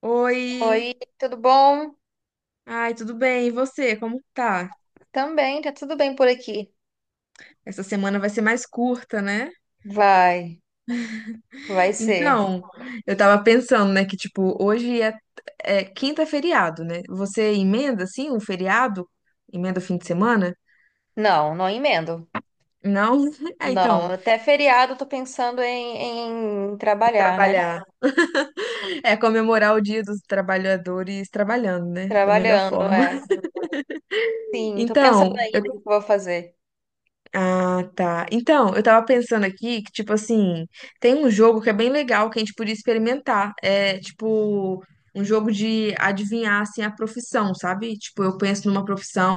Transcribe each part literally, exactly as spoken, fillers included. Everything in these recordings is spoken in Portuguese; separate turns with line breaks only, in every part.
Oi,
Oi, tudo bom?
ai, tudo bem? E você, como tá?
Também, tá tudo bem por aqui.
Essa semana vai ser mais curta, né?
Vai, vai ser.
Então, eu tava pensando, né, que tipo, hoje é, é quinta é feriado, né? Você emenda assim um feriado? Emenda o fim de semana?
Não, não emendo.
Não? É,
Não,
então,
até feriado eu tô pensando em, em
de
trabalhar, né?
trabalhar. É comemorar o Dia dos Trabalhadores trabalhando, né? Da melhor
Trabalhando,
forma.
é. Sim, tô pensando
Então,
ainda o que que eu vou fazer.
ah, tá. Então, eu tava pensando aqui que, tipo assim, tem um jogo que é bem legal que a gente podia experimentar. É, tipo, um jogo de adivinhar, assim, a profissão, sabe? Tipo, eu penso numa profissão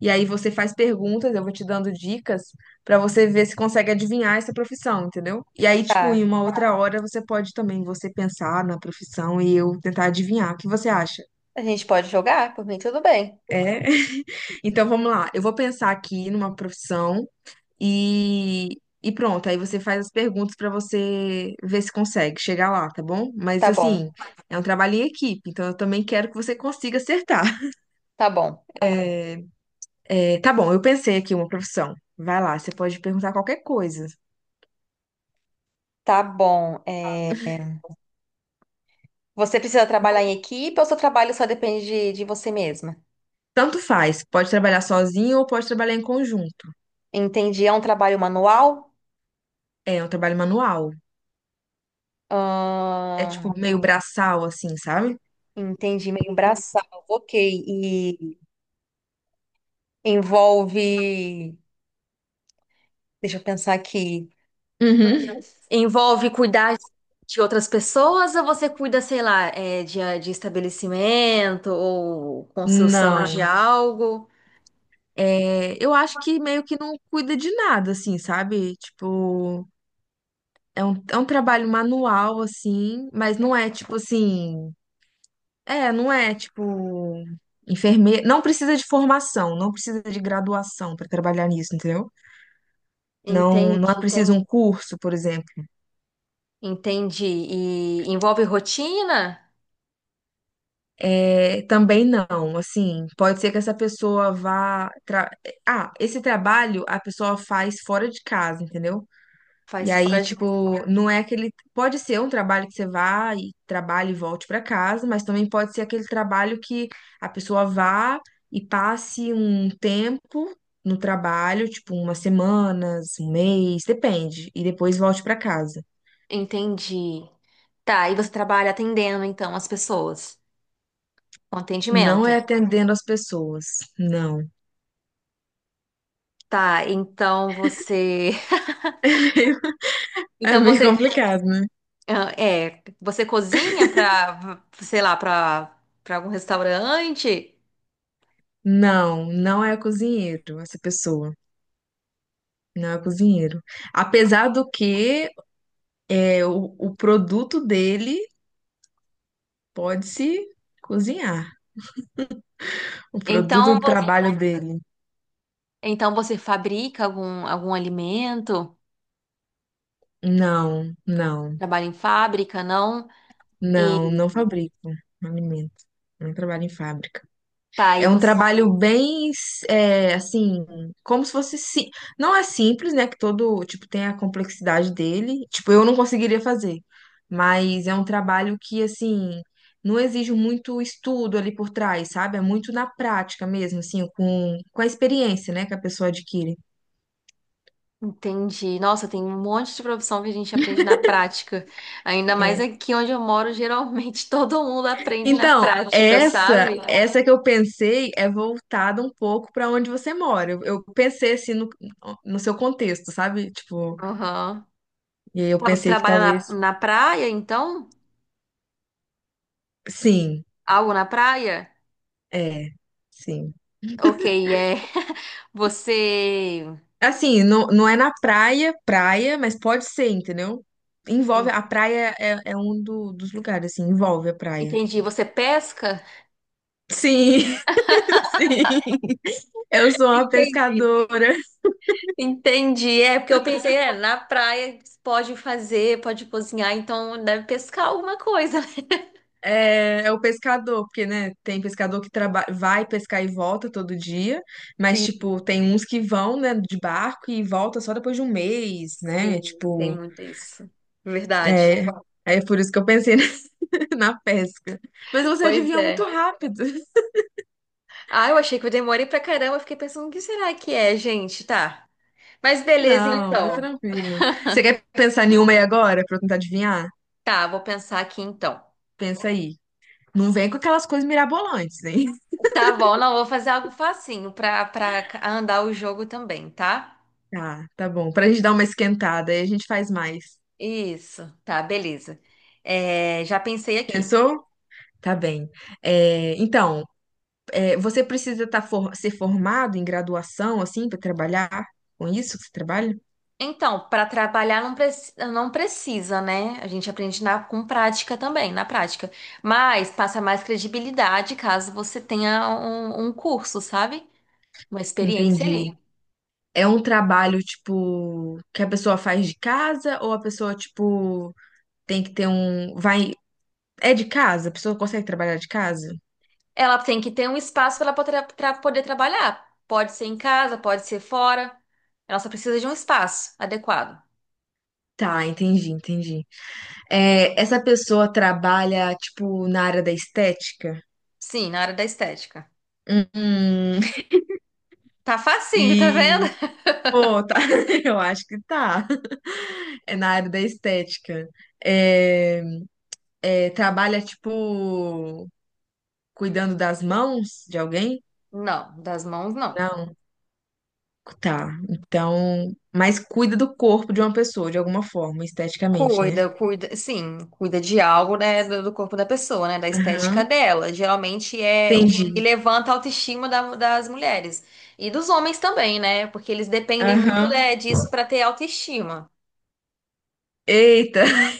e aí você faz perguntas, eu vou te dando dicas pra você ver se consegue adivinhar essa profissão, entendeu? E aí, tipo, em
Tá,
uma outra hora você pode também você pensar na profissão e eu tentar adivinhar. O que você acha?
a gente pode jogar? Por mim, tudo bem.
É. Então vamos lá. Eu vou pensar aqui numa profissão. E, e pronto, aí você faz as perguntas pra você ver se consegue chegar lá, tá bom? Mas
Tá
assim,
bom,
é um trabalho em equipe, então eu também quero que você consiga acertar.
tá bom,
É, tá bom, eu pensei aqui uma profissão. Vai lá, você pode perguntar qualquer coisa.
tá bom. É, você precisa trabalhar em equipe ou seu trabalho só depende de, de você mesma?
Tanto faz, pode trabalhar sozinho ou pode trabalhar em conjunto.
Entendi, é um trabalho manual?
É é um trabalho manual. É
Ahn,
tipo meio braçal, assim, sabe?
Entendi, meio braçal. Ok. E envolve. Deixa eu pensar aqui.
Uhum.
Envolve cuidar de outras pessoas ou você cuida, sei lá, é, de, de estabelecimento ou construção de
Não.
algo?
É, eu acho que meio que não cuida de nada, assim, sabe? Tipo. É um, é um trabalho manual, assim, mas não é tipo assim. É, não é tipo. Enfermeiro. Não precisa de formação, não precisa de graduação para trabalhar nisso, entendeu? Não, não é
Entendi,
preciso um curso, por exemplo.
entendi. E envolve rotina?
É, também não, assim, pode ser que essa pessoa vá. tra- Ah, esse trabalho a pessoa faz fora de casa, entendeu? E
Faz
aí,
fora de.
tipo, não é aquele. Pode ser um trabalho que você vá e trabalhe e volte para casa, mas também pode ser aquele trabalho que a pessoa vá e passe um tempo no trabalho, tipo, umas semanas, um mês, depende, e depois volte para casa.
Entendi. Tá, e você trabalha atendendo então as pessoas com
Não
atendimento.
é atendendo as pessoas, não.
Tá, então você.
É
Então
meio
você
complicado, né?
ah, é, você cozinha para, sei lá, para para algum restaurante?
Não, não é cozinheiro essa pessoa. Não é cozinheiro. Apesar do que é, o, o produto dele pode-se cozinhar. O produto
Então,
do Aí
vo-
trabalho fábrica. Dele.
então você fabrica algum algum alimento?
Não, não,
Trabalha em fábrica, não?
não, não fabrico alimento. Não trabalho em fábrica.
Tá, aí
É um
você
trabalho bem, é, assim, como se fosse, sim, não é simples, né? Que todo, tipo, tem a complexidade dele. Tipo, eu não conseguiria fazer. Mas é um trabalho que, assim, não exige muito estudo ali por trás, sabe? É muito na prática mesmo, assim, com, com a experiência, né? Que a pessoa adquire.
entende. Nossa, tem um monte de profissão que a gente aprende na prática. Ainda mais
É.
aqui onde eu moro, geralmente todo mundo aprende na
Então,
prática,
essa,
sabe?
essa que eu pensei é voltada um pouco para onde você mora. Eu, eu pensei assim no, no seu contexto, sabe? Tipo,
Aham.
e aí eu
Tá, você
pensei que
trabalha na,
talvez.
na praia, então?
Sim,
Algo na praia?
é, sim.
Ok, é. Você.
Assim, não, não é na praia, praia, mas pode ser, entendeu? Envolve, a praia é, é um do- dos lugares, assim, envolve a praia.
Entendi. Você pesca?
Sim, sim, eu sou uma
Entendi.
pescadora.
Entendi. É, porque eu pensei, é, na praia pode fazer, pode cozinhar, então deve pescar alguma coisa.
É, é o pescador, porque, né, tem pescador que traba- vai pescar e volta todo dia, mas,
Sim,
tipo, tem uns que vão, né, de barco e volta só depois de um mês, né?
sim, tem
Tipo,
muito isso. Verdade.
é, é por isso que eu pensei na pesca. Mas você
Pois
adivinhou muito
é.
rápido.
Ah, eu achei que eu demorei pra caramba. Eu fiquei pensando, o que será que é, gente? Tá. Mas beleza,
Não, é
então.
tranquilo. Você quer pensar em uma aí agora pra eu tentar adivinhar?
Tá, vou pensar aqui então.
Pensa aí. Não vem com aquelas coisas mirabolantes, hein?
Tá bom, não, vou fazer algo facinho pra, pra andar o jogo também, tá?
Tá, tá bom. Pra gente dar uma esquentada, aí a gente faz mais.
Isso, tá, beleza. É, já pensei aqui.
Pensou? Tá bem. É, então. É, você precisa tá for- ser formado em graduação, assim, para trabalhar com isso que você trabalha?
Então, para trabalhar não, preci- não precisa, né? A gente aprende na- com prática também, na prática. Mas passa mais credibilidade caso você tenha um, um curso, sabe? Uma experiência
Entendi.
ali.
É um trabalho, tipo, que a pessoa faz de casa ou a pessoa, tipo, tem que ter um. Vai. É de casa? A pessoa consegue trabalhar de casa?
Ela tem que ter um espaço para ela poder, pra poder trabalhar. Pode ser em casa, pode ser fora. Ela só precisa de um espaço adequado.
Tá, entendi, entendi. É, essa pessoa trabalha, tipo, na área da estética?
Sim, na área da estética.
Hum,
Tá facinho, tá vendo?
e. Pô, tá. Eu acho que tá. É na área da estética. É. É, trabalha, tipo, cuidando das mãos de alguém?
Não, das mãos não.
Não. Tá. Então. Mas cuida do corpo de uma pessoa, de alguma forma, esteticamente, né?
Cuida, cuida, sim, cuida de algo, né, do, do corpo da pessoa, né, da estética
Aham.
dela. Geralmente é o que
Entendi.
levanta a autoestima da- das mulheres e dos homens também, né, porque eles dependem muito,
Aham.
né, disso para ter autoestima.
Eita,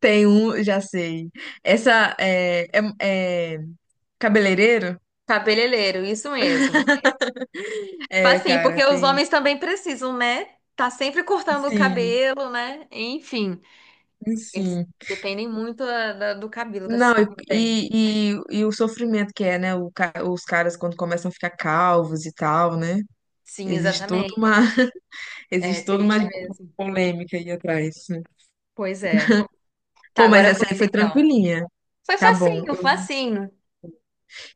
tem um, já sei. Essa é, é, é cabeleireiro?
Cabeleireiro, isso mesmo. Tipo
É,
assim,
cara,
porque os
tem.
homens também precisam, né, tá sempre cortando o
Sim,
cabelo, né, enfim, eles
sim.
dependem muito da- da- do cabelo para se
Não,
cortar bem.
e, e, e o sofrimento que é, né? o ca- os caras quando começam a ficar calvos e tal, né?
Sim,
Existe toda uma.
exatamente. É
Existe toda
triste
uma.
mesmo.
Polêmica aí atrás. Né?
Pois é. Tá,
Pô, mas
agora é
essa aí
você
foi
então.
tranquilinha.
Foi
Tá bom.
facinho,
Eu-
facinho.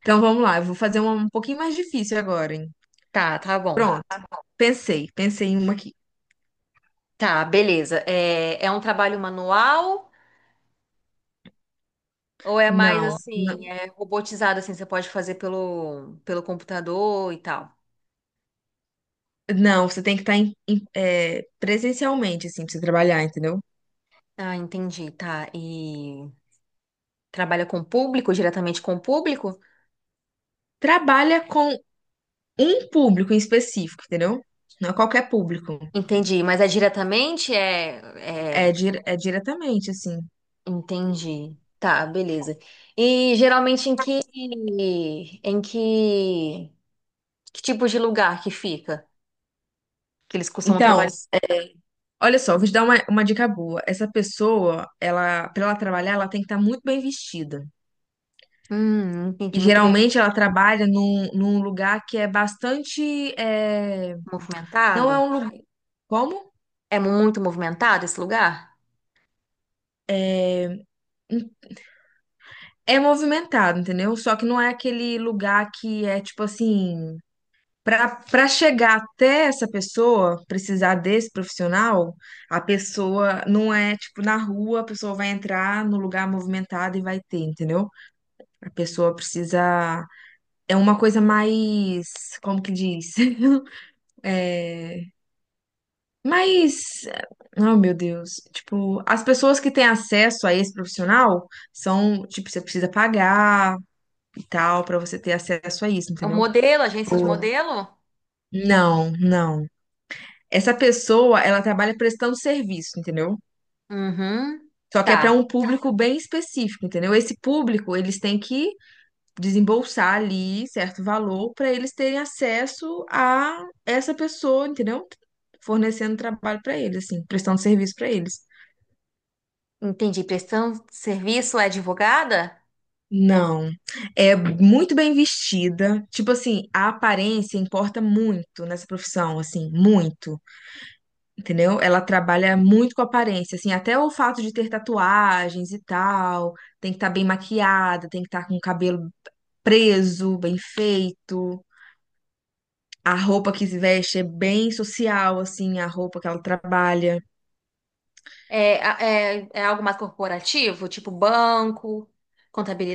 Então vamos lá, eu vou fazer uma um pouquinho mais difícil agora, hein?
Tá, tá bom.
Pronto, pensei, pensei em uma aqui.
Tá, beleza. É, é um trabalho manual ou é mais
Não,
assim,
não,
é robotizado assim, você pode fazer pelo, pelo computador e tal?
não, você tem que estar em- em- é, presencialmente, assim, pra você trabalhar, entendeu?
Ah, entendi, tá. E trabalha com o público, diretamente com o público?
Trabalha com um público em específico, entendeu? Não é qualquer público.
Entendi, mas é diretamente? É, é,
É, dire- é diretamente, assim.
entendi. Tá, beleza. E geralmente em que em que, que tipo de lugar que fica? Que eles costumam
Então,
trabalhar?
é, olha só, vou te dar uma, uma dica boa. Essa pessoa, ela, para ela trabalhar, ela tem que estar muito bem vestida.
Hum,
E
entendi muito bem.
geralmente ela trabalha num, num lugar que é bastante. é, não é
Movimentado?
um lugar. Como?
É muito movimentado esse lugar?
É movimentado, entendeu? Só que não é aquele lugar que é tipo assim. para para chegar até essa pessoa, precisar desse profissional, a pessoa não é tipo na rua, a pessoa vai entrar no lugar movimentado e vai ter, entendeu? A pessoa precisa. É uma coisa mais. Como que diz? É, Mas, oh meu Deus, tipo, as pessoas que têm acesso a esse profissional são, tipo, você precisa pagar e tal pra você ter acesso a isso,
É um
entendeu?
modelo, agência de
Tipo,
modelo?
não, não. Essa pessoa, ela trabalha prestando serviço, entendeu?
Uhum.
Só que é
Tá.
pra um público bem específico, entendeu? Esse público, eles têm que desembolsar ali certo valor pra eles terem acesso a essa pessoa, entendeu? Fornecendo trabalho pra eles, assim, prestando serviço pra eles.
Entendi. Prestação de serviço é advogada?
Não, é muito bem vestida. Tipo assim, a aparência importa muito nessa profissão, assim, muito, entendeu? Ela trabalha muito com aparência, assim, até o fato de ter tatuagens e tal, tem que estar bem maquiada, tem que estar com o cabelo preso, bem feito. A roupa que se veste é bem social, assim, a roupa que ela trabalha.
É, a- é, é algo mais corporativo, tipo banco,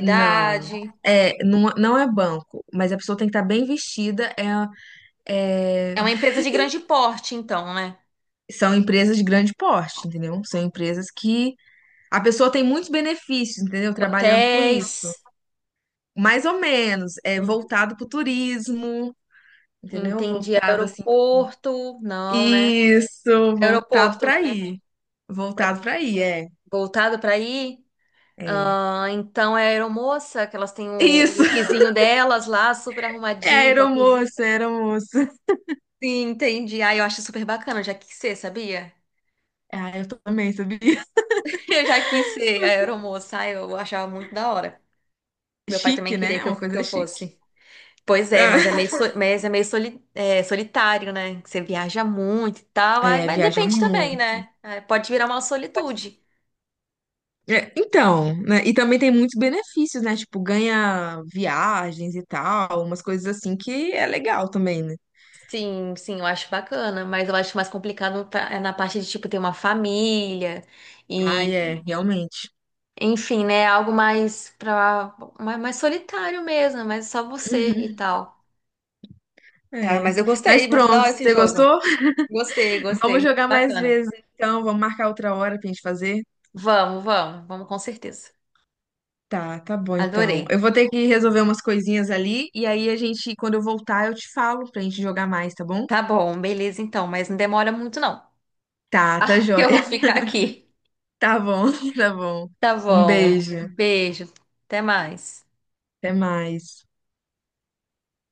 Não, é, não, não é banco, mas a pessoa tem que estar bem vestida, é, é
É uma empresa de grande porte, então, né?
são empresas de grande porte, entendeu? São empresas que a pessoa tem muitos benefícios, entendeu? Trabalhando com
Hotéis.
isso. Mais ou menos, é
Hum,
voltado para o turismo, entendeu?
Entendi.
Voltado assim.
Aeroporto. Não, né?
Isso, voltado
Aeroporto,
para
né?
aí. Voltado para aí, é,
Voltado para aí?
é.
Ah, então é a aeromoça, que elas têm o
Isso,
lookzinho delas lá, super
é
arrumadinho, topzinho.
aeromoça, é aeromoça.
Sim, entendi. Ah, eu acho super bacana, eu já quis ser, sabia?
Ah, eu também, sabia?
Eu já quis ser a aeromoça, ah, eu achava muito da hora. Meu pai
Chique,
também queria
né?
que eu,
Uma
que
coisa
eu
chique.
fosse. Pois é, mas é meio, so- mas é meio soli- é, solitário, né? Você viaja muito e tal, aí-
É,
mas
viaja
depende também,
muito.
né? Aí pode virar uma solitude.
É, então, né? E também tem muitos benefícios, né? Tipo, ganha viagens e tal, umas coisas assim que é legal também, né?
Sim, sim, eu acho bacana, mas eu acho mais complicado pra- é na parte de, tipo, ter uma família.
Ah,
e
é, realmente.
Enfim, né? Algo mais pra, mais, mais solitário mesmo, mas só você e
Uhum,
tal. Ah,
é.
mas eu
Mas
gostei, muito da
pronto,
hora esse
você
jogo.
gostou?
Gostei, gostei,
Vamos
muito
jogar mais
bacana.
vezes, então. Vamos marcar outra hora pra gente fazer.
Vamos, vamos, vamos com certeza.
Tá, tá bom, então. Eu
Adorei.
vou ter que resolver umas coisinhas ali, e aí a gente, quando eu voltar, eu te falo pra gente jogar mais, tá bom?
Tá bom, beleza então, mas não demora muito não.
Tá, tá
Ah,
joia.
eu vou ficar aqui.
Tá bom, tá bom.
Tá
Um
bom.
beijo.
Beijo. Até mais.
Até mais.